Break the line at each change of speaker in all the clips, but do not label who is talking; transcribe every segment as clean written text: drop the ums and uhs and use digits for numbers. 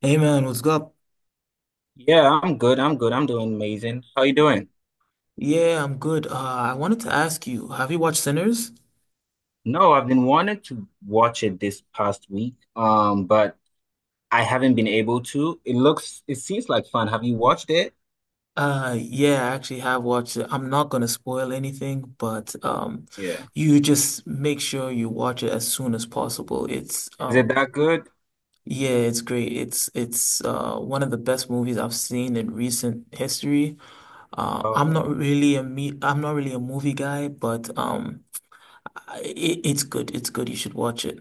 Hey man, what's up?
Yeah, I'm good. I'm doing amazing. How you doing?
Yeah, I'm good. I wanted to ask you, have you watched Sinners?
No, I've been wanting to watch it this past week, but I haven't been able to. It seems like fun. Have you watched it?
Yeah, I actually have watched it. I'm not gonna spoil anything, but
Yeah.
you just make sure you watch it as soon as possible. It's
Is it that good?
yeah, it's great. It's one of the best movies I've seen in recent history. I'm not
Oh,
really a me I'm not really a movie guy, but it's good. It's good. You should watch it.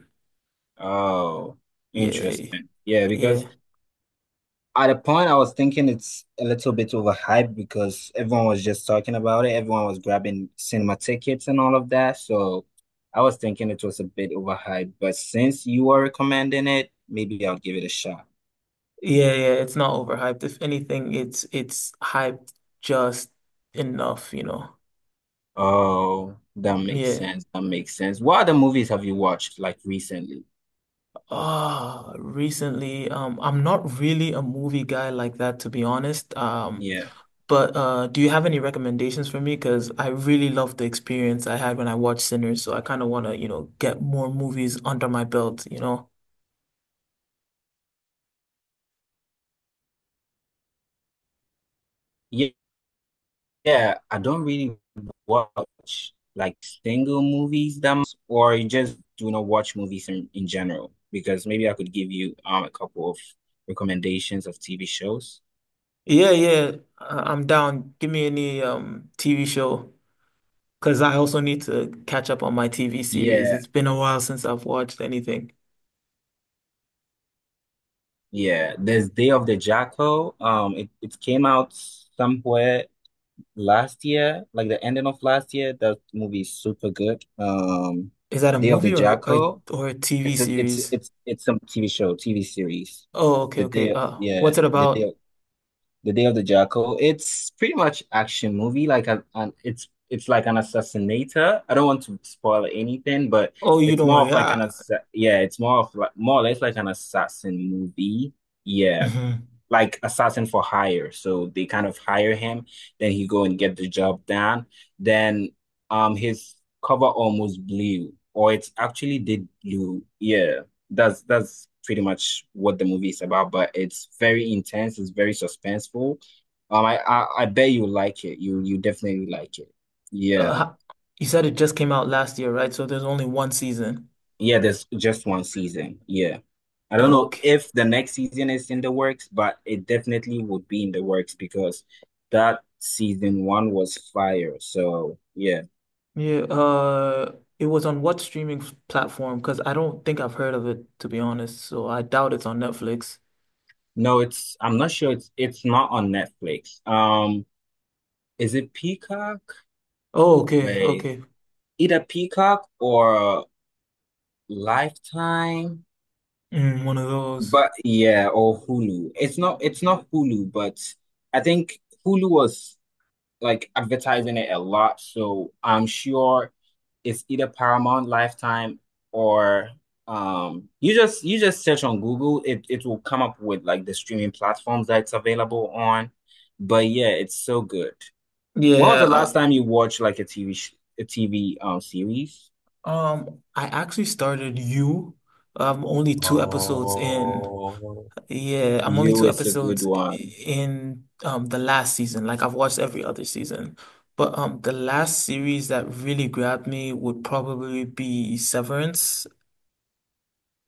oh,
Yeah,
interesting. Yeah, because.
yeah.
At a point, I was thinking it's a little bit overhyped because everyone was just talking about it. Everyone was grabbing cinema tickets and all of that. So I was thinking it was a bit overhyped. But since you are recommending it, maybe I'll give it a shot.
Yeah, yeah, it's not overhyped. If anything, it's hyped just enough, you know.
Oh, that makes
Yeah.
sense. That makes sense. What other movies have you watched like recently?
Ah, recently, I'm not really a movie guy like that, to be honest.
Yeah,
But do you have any recommendations for me? Because I really love the experience I had when I watched Sinners, so I kind of want to, get more movies under my belt,
yeah, I don't really watch like single movies that much, or I just do not watch movies in general, because maybe I could give you a couple of recommendations of TV shows.
Yeah, yeah, I'm down. Give me any TV show. Because I also need to catch up on my TV series.
Yeah,
It's been a while since I've watched anything.
yeah. There's Day of the Jackal. It came out somewhere last year, like the ending of last year. That movie is super good.
Is that a
Day of the
movie
Jackal.
or a TV
It's a it's
series?
it's some TV show, TV series.
Oh, okay,
The
okay.
day, yeah,
What's it
the
about?
day. The Day of the Jackal. It's pretty much action movie. Like a, an, it's like an assassinator. I don't want to spoil anything, but
Oh, you
it's
don't
more of
worry.
like an assa yeah, it's more of like, more or less, like an assassin movie. Yeah,
Mhm.
like assassin for hire. So they kind of hire him, then he go and get the job done. Then his cover almost blew, or it actually did blew. Yeah, that's pretty much what the movie is about. But it's very intense. It's very suspenseful. I bet you like it. You definitely like it.
Uh,
Yeah.
ho- you said it just came out last year, right? So there's only one season.
Yeah, there's just one season. Yeah. I don't know
Okay.
if the next season is in the works, but it definitely would be in the works because that season one was fire. So yeah.
Yeah. It was on what platform? Because I don't think I've heard of it, to be honest. So I doubt it's on Netflix.
No, it's I'm not sure, it's not on Netflix. Is it Peacock?
Oh, okay,
Wait,
okay.
either Peacock or Lifetime,
Mm, one of those.
but yeah, or Hulu. It's not Hulu, but I think Hulu was like advertising it a lot, so I'm sure it's either Paramount, Lifetime, or you just search on Google, it will come up with like the streaming platforms that it's available on. But yeah, it's so good. When was
Yeah,
the last
uh,
time you watched like a TV series?
I actually started you. I'm only two episodes in.
Oh,
Yeah, I'm only
you
two
is a good
episodes
one.
in the last season. Like I've watched every other season. But the last series that really grabbed me would probably be Severance.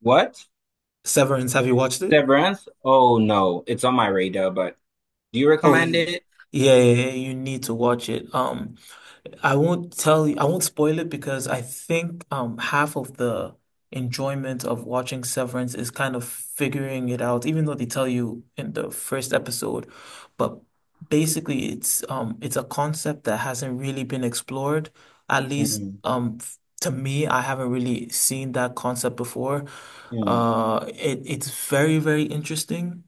What?
Severance, have you watched it?
Severance? Oh no, it's on my radar, but do you
Oh,
recommend
y-
it?
yeah, yeah, yeah, you need to watch it. I won't tell you, I won't spoil it because I think half of the enjoyment of watching Severance is kind of figuring it out, even though they tell you in the first episode. But basically it's a concept that hasn't really been explored. At least
Mm,
to me, I haven't really seen that concept before.
mm.
It's very, very interesting.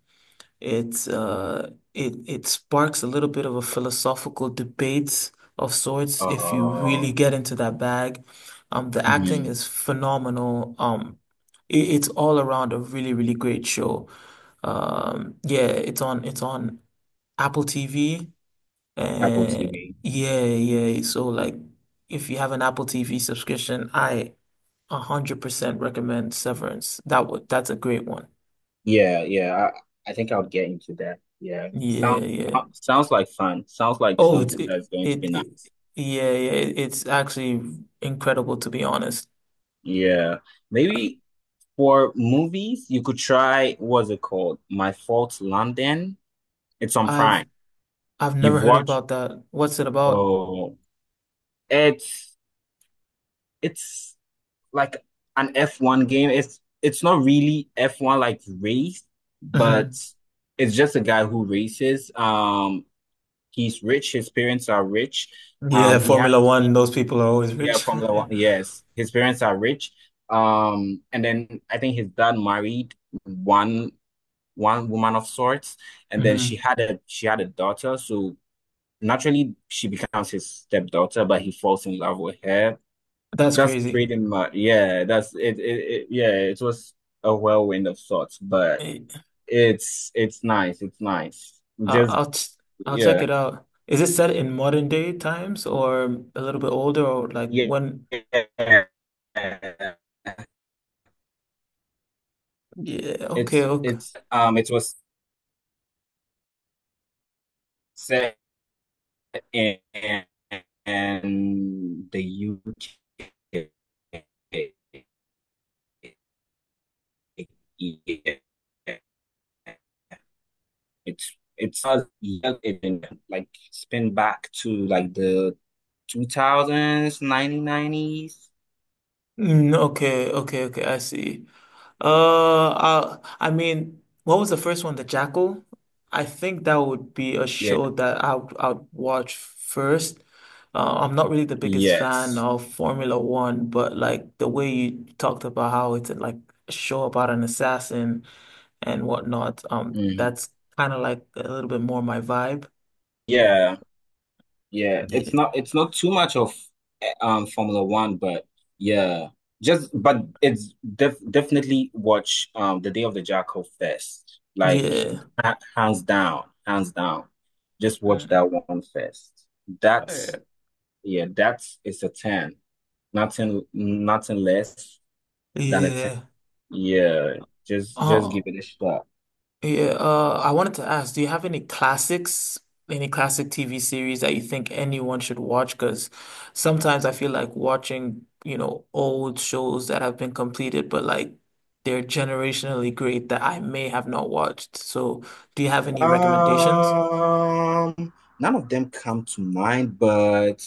It sparks a little bit of a philosophical debate of sorts if you really
Oh,
get into that bag. The acting
mhm.
is phenomenal. It's all around a really, really great show. Yeah, it's on Apple TV.
Apple
Uh,
TV.
yeah, yeah. So like, if you have an Apple TV subscription, I 100% recommend Severance. That's a great one.
Yeah, yeah. I think I'll get into that. Yeah.
Yeah, yeah.
Sounds like fun. Sounds like
Oh, it's
something
it,
that's going to
it,
be
it
nice.
yeah, yeah, it's actually incredible to be honest.
Yeah. Maybe for movies, you could try, what's it called? My Fault London. It's on
I've
Prime.
I've never
You've
heard
watched?
about that. What's it about?
Oh, it's it's like an F1 game. It's not really F1 like race, but
Hmm.
it's just a guy who races. He's rich. His parents are rich. Um,
Yeah,
he has,
Formula One,
he,
those people are always
yeah,
rich.
Formula One. Yes, his parents are rich. And then I think his dad married one one woman of sorts, and then
Hmm.
she had a daughter. So naturally, she becomes his stepdaughter, but he falls in love with her.
That's
That's
crazy.
pretty much, yeah. That's it, it, it. Yeah, it was a whirlwind of sorts, but
Eh,
it's nice. It's nice.
I'll,
Just
I'll ch- I'll check
yeah.
it out. Is it set in modern day times or a little bit older or like
Yeah.
when? Yeah, okay,
It's
okay.
it's um it was set in, in the UK. Yeah. It's yeah, it like spin back to like the 2000s, 1990s.
Mm, okay, okay, okay, I see. I mean, what was the first one? The Jackal? I think that would be a
Yeah.
show that I would watch first. I'm not really the biggest fan
Yes.
of Formula One, but like the way you talked about how it's like a show about an assassin and whatnot,
Mhm.
that's kind of like a little bit more my vibe.
Yeah. Yeah,
Yeah.
it's not too much of Formula One, but yeah, just but it's definitely watch The Day of the Jackal first. Like
Yeah.
hands down, hands down. Just watch
Mm.
that one first.
Oh,
That's
yeah.
yeah, that's it's a 10. Nothing less than a 10.
Yeah.
Yeah, just give
Uh,
it a shot.
Yeah, I wanted to ask, do you have any classics, any classic TV series that you think anyone should watch? Because sometimes I feel like watching, you know, old shows that have been completed, but like they're generationally great that I may have not watched. So, do you have any recommendations?
Um, none of them come to mind, but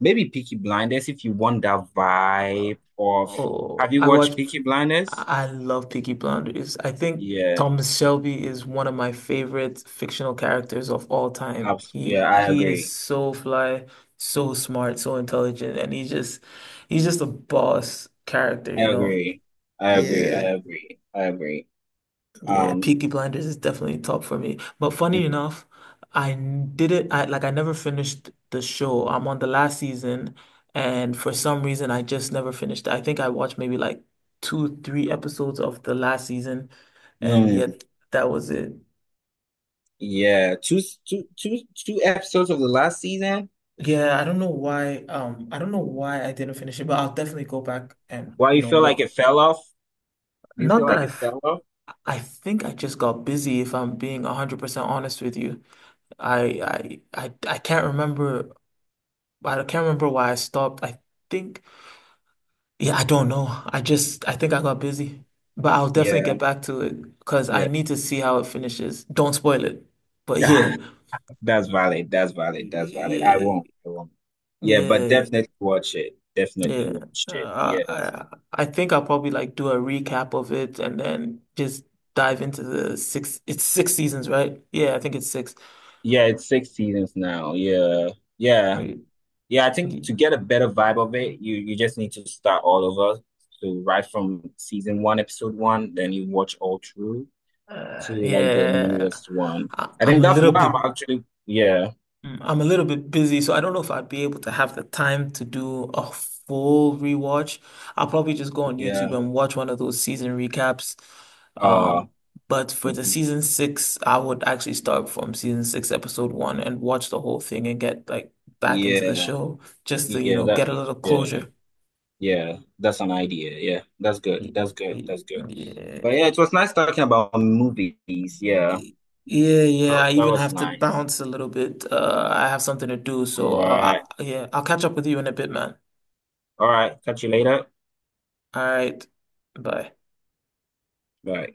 maybe Peaky Blinders if you want that
Uh,
vibe of,
oh,
have you
I watch.
watched Peaky Blinders?
I love Peaky Blinders. I think
Yeah,
Thomas Shelby is one of my favorite fictional characters of all time.
abs yeah, I
He is
agree.
so fly, so smart, so intelligent, and he's just a boss character,
I
you know.
agree. I agree. I
Yeah.
agree. I agree.
Yeah,
Um,
Peaky Blinders is definitely top for me. But funny enough, I n- did it. I like I never finished the show. I'm on the last season, and for some reason, I just never finished it. I think I watched maybe like two, three episodes of the last season, and
mm,
yet that was it.
yeah, two episodes of the last season.
Yeah, I don't know why. I don't know why I didn't finish it, but I'll definitely go back and
Why
you
you
know
feel like
what?
it fell off? Do you feel
Not that
like it
I've.
fell off?
I think I just got busy, if I'm being 100% honest with you. I I I I can't remember I can't remember why I stopped. Think, yeah, I don't know. I think I got busy. But I'll definitely
Yeah,
get back to it because I
yeah.
need to see how it finishes. Don't spoil it. But yeah,
That's valid. That's valid. I
yeah,
won't. I won't. Yeah, but
yeah,
definitely watch it. Definitely
yeah.
watch it.
Uh,
Yes.
I, I think I'll probably like do a recap of it and then just dive into the six. It's six seasons, right? Yeah, I think it's six.
Yeah, it's six seasons now. Yeah. Yeah.
Right.
Yeah, I think to get a better vibe of it, you just need to start all over. So right from season one, episode one, then you watch all through to
Uh,
like the
yeah,
newest one. I
I'm
think
a
that's
little
why
bit.
I'm actually yeah,
Mm, I'm a little bit busy, so I don't know if I'd be able to have the time to do a full rewatch. I'll probably just go on
yeah.
YouTube and watch one of those season recaps.
Uh
Um, but for the
mhm.
season six, I would actually start from season six, episode one, and watch the whole thing and get like back into the
Yeah,
show just to, you
yeah,
know,
that
get a little
yeah.
closure.
Yeah, that's an idea. Yeah, that's good.
Y-
That's good.
y-
That's good. But yeah,
Yeah.
it was nice talking about movies. Yeah,
Y- Yeah, yeah.
that,
I
that
even
was
have to
nice.
bounce a little bit. I have something to do, so
All right.
yeah, I'll catch up with you in a bit, man.
All right. Catch you later.
All right. Bye.
Bye.